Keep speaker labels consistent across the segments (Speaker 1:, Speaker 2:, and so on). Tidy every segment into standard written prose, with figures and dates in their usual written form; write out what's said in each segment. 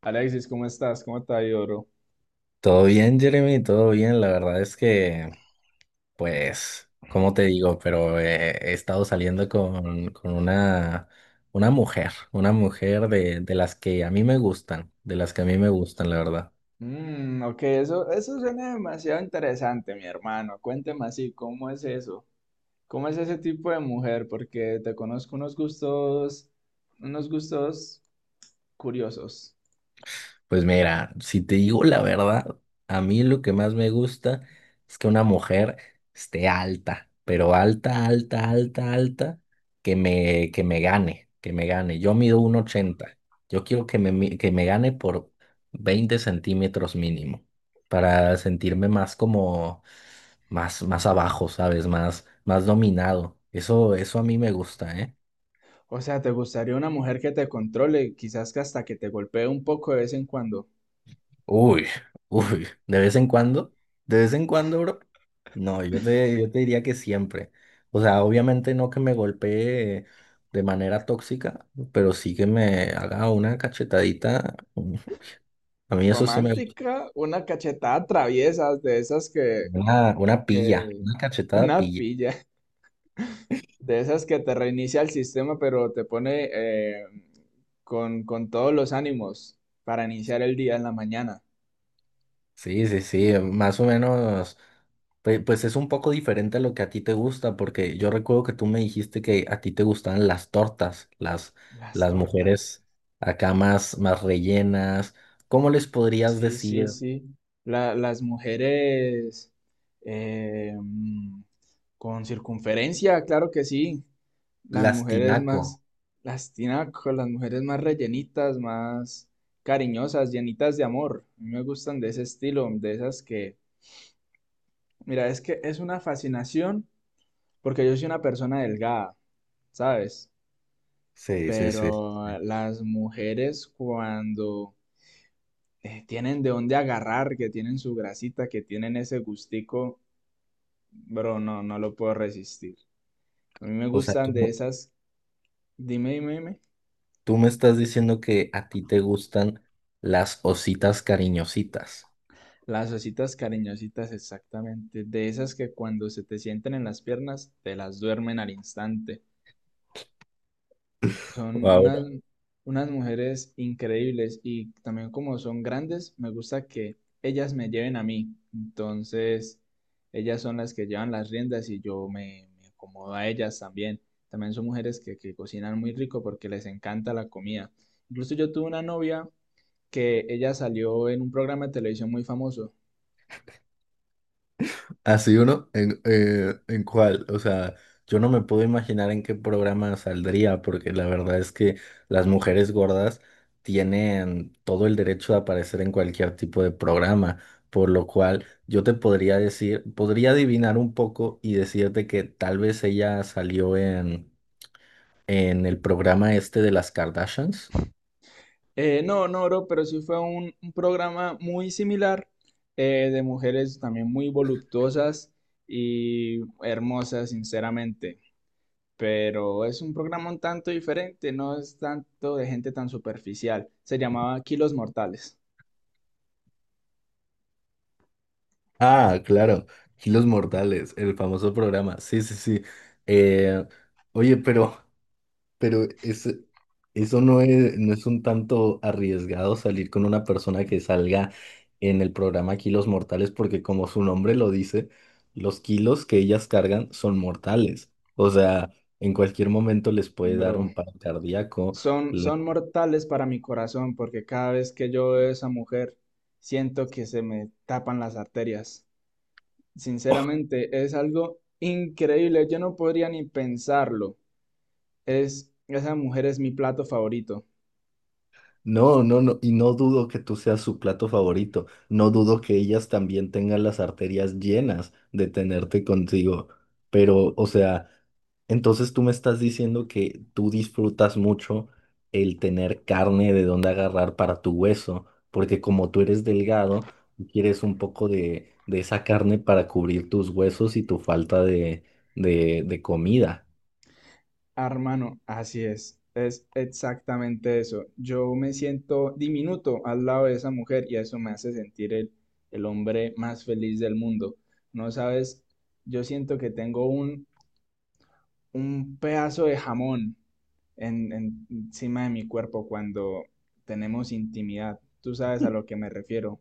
Speaker 1: Alexis, ¿cómo estás? ¿Cómo te ha ido, bro?
Speaker 2: Todo bien, Jeremy, todo bien. La verdad es que, pues, ¿cómo te digo? Pero he estado saliendo con una mujer de las que a mí me gustan, de las que a mí me gustan, la verdad.
Speaker 1: Mm, ok, eso suena demasiado interesante, mi hermano. Cuénteme así, ¿cómo es eso? ¿Cómo es ese tipo de mujer? Porque te conozco unos gustos curiosos.
Speaker 2: Pues mira, si te digo la verdad, a mí lo que más me gusta es que una mujer esté alta, pero alta, alta, alta, alta, que me gane, que me gane. Yo mido 1,80. Yo quiero que me gane por 20 centímetros mínimo, para sentirme más como, más, más abajo, ¿sabes? Más, más dominado. Eso a mí me gusta, ¿eh?
Speaker 1: O sea, ¿te gustaría una mujer que te controle, quizás que hasta que te golpee un poco de vez en cuando?
Speaker 2: Uy, uy, de vez en cuando, de vez en cuando, bro. No, yo te diría que siempre. O sea, obviamente no que me golpee de manera tóxica, pero sí que me haga una cachetadita. A mí eso sí me gusta.
Speaker 1: ¿Romántica? ¿Una cachetada traviesa de esas
Speaker 2: Una
Speaker 1: que,
Speaker 2: pilla, una cachetada.
Speaker 1: una pilla? De esas que te reinicia el sistema, pero te pone con todos los ánimos para iniciar el día en la mañana.
Speaker 2: Sí, sí, sí, más o menos, pues es un poco diferente a lo que a ti te gusta, porque yo recuerdo que tú me dijiste que a ti te gustaban las tortas,
Speaker 1: Las
Speaker 2: las
Speaker 1: tortas.
Speaker 2: mujeres acá más, más rellenas. ¿Cómo les podrías
Speaker 1: Sí, sí,
Speaker 2: decir
Speaker 1: sí. Las mujeres eh, mm, con circunferencia, claro que sí. Las
Speaker 2: las
Speaker 1: mujeres
Speaker 2: tinaco?
Speaker 1: más, las tinacos, las mujeres más rellenitas, más cariñosas, llenitas de amor. A mí me gustan de ese estilo, de esas que, mira, es que es una fascinación porque yo soy una persona delgada, ¿sabes?
Speaker 2: Sí, sí, sí.
Speaker 1: Pero las mujeres cuando tienen de dónde agarrar, que tienen su grasita, que tienen ese gustico, bro, no, no lo puedo resistir. A mí me
Speaker 2: O sea, tú,
Speaker 1: gustan de esas, dime, dime, dime,
Speaker 2: tú me estás diciendo que a ti te gustan las ositas cariñositas.
Speaker 1: las ositas cariñositas exactamente, de esas que cuando se te sienten en las piernas, te las duermen al instante. Son
Speaker 2: Wow.
Speaker 1: unas, unas mujeres increíbles y también como son grandes, me gusta que ellas me lleven a mí. Entonces, ellas son las que llevan las riendas y yo me acomodo a ellas también. También son mujeres que cocinan muy rico porque les encanta la comida. Incluso yo tuve una novia que ella salió en un programa de televisión muy famoso.
Speaker 2: Así uno, ¿ en cuál? O sea, yo no me puedo imaginar en qué programa saldría, porque la verdad es que las mujeres gordas tienen todo el derecho de aparecer en cualquier tipo de programa, por lo cual yo te podría decir, podría adivinar un poco y decirte que tal vez ella salió en el programa este de las Kardashians.
Speaker 1: No, no, bro, pero sí fue un programa muy similar de mujeres también muy voluptuosas y hermosas, sinceramente. Pero es un programa un tanto diferente, no es tanto de gente tan superficial. Se llamaba Kilos Mortales,
Speaker 2: Ah, claro, Kilos Mortales, el famoso programa. Sí, sí, sí. Eh, oye, pero... Pero es, eso no es, ¿no es un tanto arriesgado salir con una persona que salga en el programa Kilos Mortales? Porque como su nombre lo dice, los kilos que ellas cargan son mortales. O sea, en cualquier momento les puede dar
Speaker 1: bro.
Speaker 2: un paro cardíaco.
Speaker 1: Son, son mortales para mi corazón porque cada vez que yo veo a esa mujer siento que se me tapan las arterias. Sinceramente, es algo increíble. Yo no podría ni pensarlo. Esa mujer es mi plato favorito.
Speaker 2: No, no, no, y no dudo que tú seas su plato favorito, no dudo que ellas también tengan las arterias llenas de tenerte contigo, pero, o sea, entonces tú me estás diciendo que tú disfrutas mucho el tener carne de dónde agarrar para tu hueso, porque como tú eres delgado, tú quieres un poco de esa carne para cubrir tus huesos y tu falta de comida.
Speaker 1: Ah, hermano, así es. Es exactamente eso. Yo me siento diminuto al lado de esa mujer y eso me hace sentir el hombre más feliz del mundo. No sabes, yo siento que tengo un pedazo de jamón en, encima de mi cuerpo cuando tenemos intimidad. Tú sabes a lo que me refiero.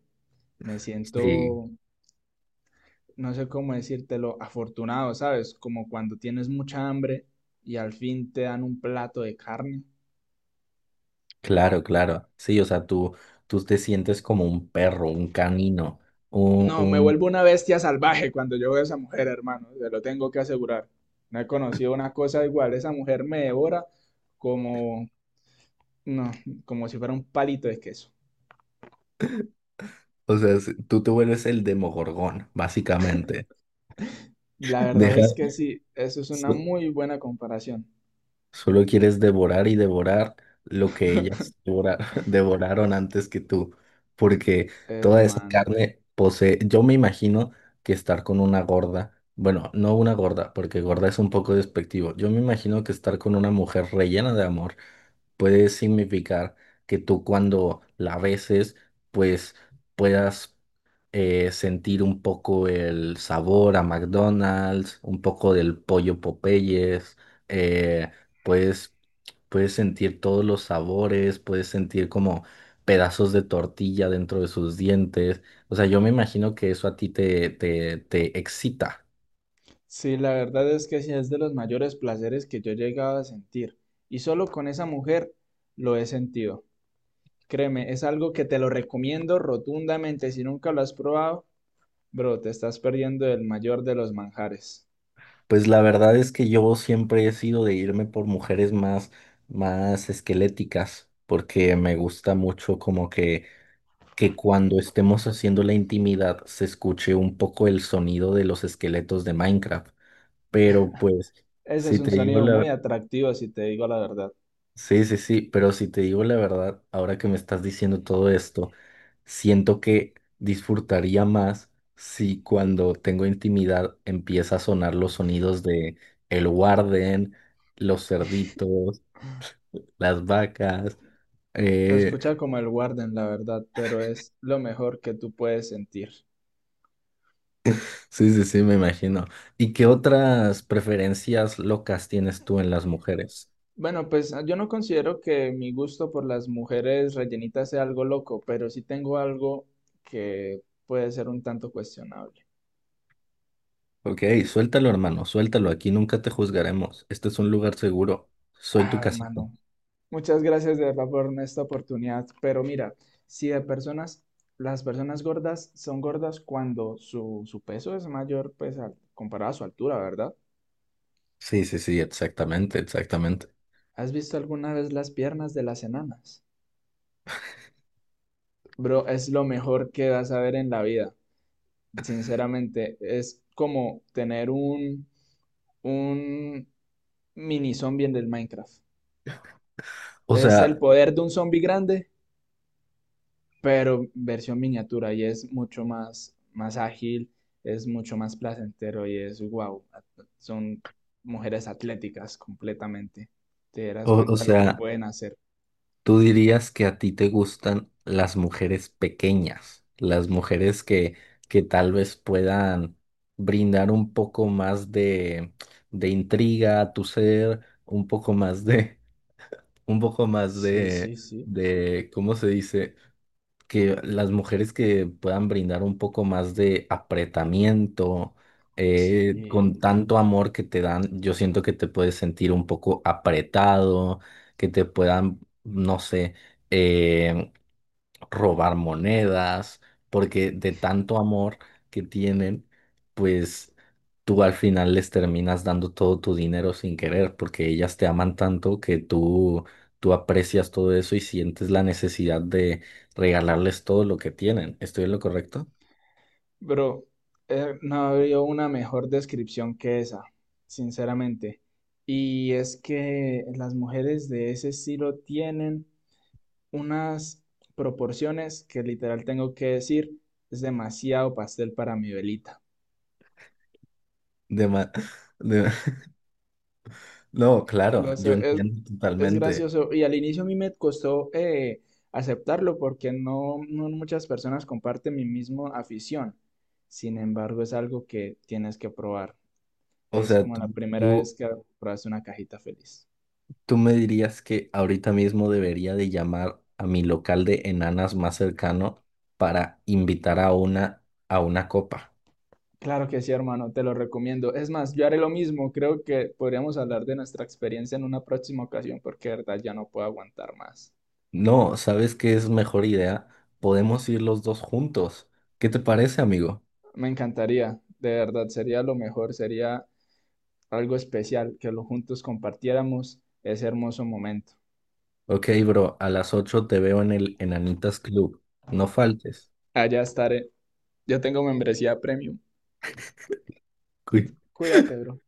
Speaker 1: Me
Speaker 2: Sí,
Speaker 1: siento no sé cómo decírtelo, afortunado, ¿sabes? Como cuando tienes mucha hambre y al fin te dan un plato de carne.
Speaker 2: claro, claro. Sí, o sea, tú te sientes como un perro, un canino, un,
Speaker 1: No, me
Speaker 2: un...
Speaker 1: vuelvo una bestia salvaje cuando yo veo a esa mujer, hermano, te lo tengo que asegurar. No he conocido una cosa igual, esa mujer me devora como, no, como si fuera un palito de queso.
Speaker 2: O sea, es- tú te vuelves el Demogorgón, básicamente.
Speaker 1: La verdad
Speaker 2: Dejas,
Speaker 1: es que sí, eso es una muy buena comparación,
Speaker 2: solo quieres devorar y devorar lo que ellas devora- devoraron antes que tú, porque toda esa
Speaker 1: hermano.
Speaker 2: carne posee, yo me imagino que estar con una gorda, bueno, no una gorda, porque gorda es un poco despectivo, yo me imagino que estar con una mujer rellena de amor puede significar que tú cuando la beses, pues puedas sentir un poco el sabor a McDonald's, un poco del pollo Popeyes, eh, puedes, puedes sentir todos los sabores, puedes sentir como pedazos de tortilla dentro de sus dientes. O sea, yo me imagino que eso a ti te excita.
Speaker 1: Sí, la verdad es que sí es de los mayores placeres que yo he llegado a sentir. Y solo con esa mujer lo he sentido. Créeme, es algo que te lo recomiendo rotundamente. Si nunca lo has probado, bro, te estás perdiendo el mayor de los manjares.
Speaker 2: Pues la verdad es que yo siempre he sido de irme por mujeres más, más esqueléticas, porque me gusta mucho como que cuando estemos haciendo la intimidad se escuche un poco el sonido de los esqueletos de Minecraft. Pero pues,
Speaker 1: Ese
Speaker 2: si
Speaker 1: es un
Speaker 2: te digo
Speaker 1: sonido muy
Speaker 2: la...
Speaker 1: atractivo, si te digo la verdad.
Speaker 2: Sí, sí, sí, pero si te digo la verdad, ahora que me estás diciendo todo esto, siento que disfrutaría más si cuando tengo intimidad empieza a sonar los sonidos de el warden, los cerditos, las vacas,
Speaker 1: Se
Speaker 2: eh,
Speaker 1: escucha como el Warden, la verdad, pero es lo mejor que tú puedes sentir.
Speaker 2: sí, sí, sí, me imagino. ¿Y qué otras preferencias locas tienes tú en las mujeres?
Speaker 1: Bueno, pues ah, yo no considero que mi gusto por las mujeres rellenitas sea algo loco, pero sí tengo algo que puede ser un tanto cuestionable.
Speaker 2: Ok, suéltalo, hermano, suéltalo. Aquí nunca te juzgaremos. Este es un lugar seguro. Soy tu
Speaker 1: Ah,
Speaker 2: casita.
Speaker 1: hermano. Muchas gracias de verdad por esta oportunidad, pero mira, si de personas, las personas gordas son gordas cuando su peso es mayor, pues comparado a su altura, ¿verdad?
Speaker 2: Sí, sí, sí, exactamente, exactamente.
Speaker 1: ¿Has visto alguna vez las piernas de las enanas? Bro, es lo mejor que vas a ver en la vida, sinceramente, es como tener un mini zombie en el Minecraft.
Speaker 2: O
Speaker 1: Es el
Speaker 2: sea,
Speaker 1: poder de un zombie grande pero versión miniatura y es mucho más, más ágil, es mucho más placentero y es wow, son mujeres atléticas completamente. Te darás
Speaker 2: o
Speaker 1: cuenta lo que
Speaker 2: sea,
Speaker 1: pueden hacer.
Speaker 2: tú dirías que a ti te gustan las mujeres pequeñas, las mujeres que tal vez puedan brindar un poco más de intriga a tu ser, un poco más de un poco más
Speaker 1: Sí,
Speaker 2: de,
Speaker 1: sí, sí,
Speaker 2: de, ¿cómo se dice? Que las mujeres que puedan brindar un poco más de apretamiento,
Speaker 1: sí.
Speaker 2: con tanto amor que te dan, yo siento que te puedes sentir un poco apretado, que te puedan, no sé, eh, robar monedas, porque de tanto amor que tienen, pues tú al final les terminas dando todo tu dinero sin querer, porque ellas te aman tanto que tú aprecias todo eso y sientes la necesidad de regalarles todo lo que tienen. ¿Estoy en lo correcto?
Speaker 1: Bro, no había una mejor descripción que esa, sinceramente. Y es que las mujeres de ese estilo tienen unas proporciones que literal tengo que decir, es demasiado pastel para mi velita.
Speaker 2: De ma- de- No, claro,
Speaker 1: Lo
Speaker 2: yo
Speaker 1: sé,
Speaker 2: entiendo
Speaker 1: es
Speaker 2: totalmente.
Speaker 1: gracioso. Y al inicio a mí me costó aceptarlo porque no, no muchas personas comparten mi misma afición. Sin embargo, es algo que tienes que probar.
Speaker 2: O
Speaker 1: Es
Speaker 2: sea,
Speaker 1: como
Speaker 2: tú,
Speaker 1: la primera vez
Speaker 2: tú-
Speaker 1: que pruebas una cajita feliz.
Speaker 2: ¿Tú me dirías que ahorita mismo debería de llamar a mi local de enanas más cercano para invitar a una copa?
Speaker 1: Claro que sí, hermano, te lo recomiendo. Es más, yo haré lo mismo. Creo que podríamos hablar de nuestra experiencia en una próxima ocasión porque de verdad ya no puedo aguantar más.
Speaker 2: No, ¿sabes qué es mejor idea? Podemos ir los dos juntos. ¿Qué te parece, amigo?
Speaker 1: Me encantaría, de verdad, sería lo mejor, sería algo especial, que lo juntos compartiéramos ese hermoso momento.
Speaker 2: Ok, bro, a las 8 te veo en el Enanitas Club. No faltes.
Speaker 1: Allá estaré. Yo tengo membresía premium.
Speaker 2: Cuí-
Speaker 1: Cuídate, bro.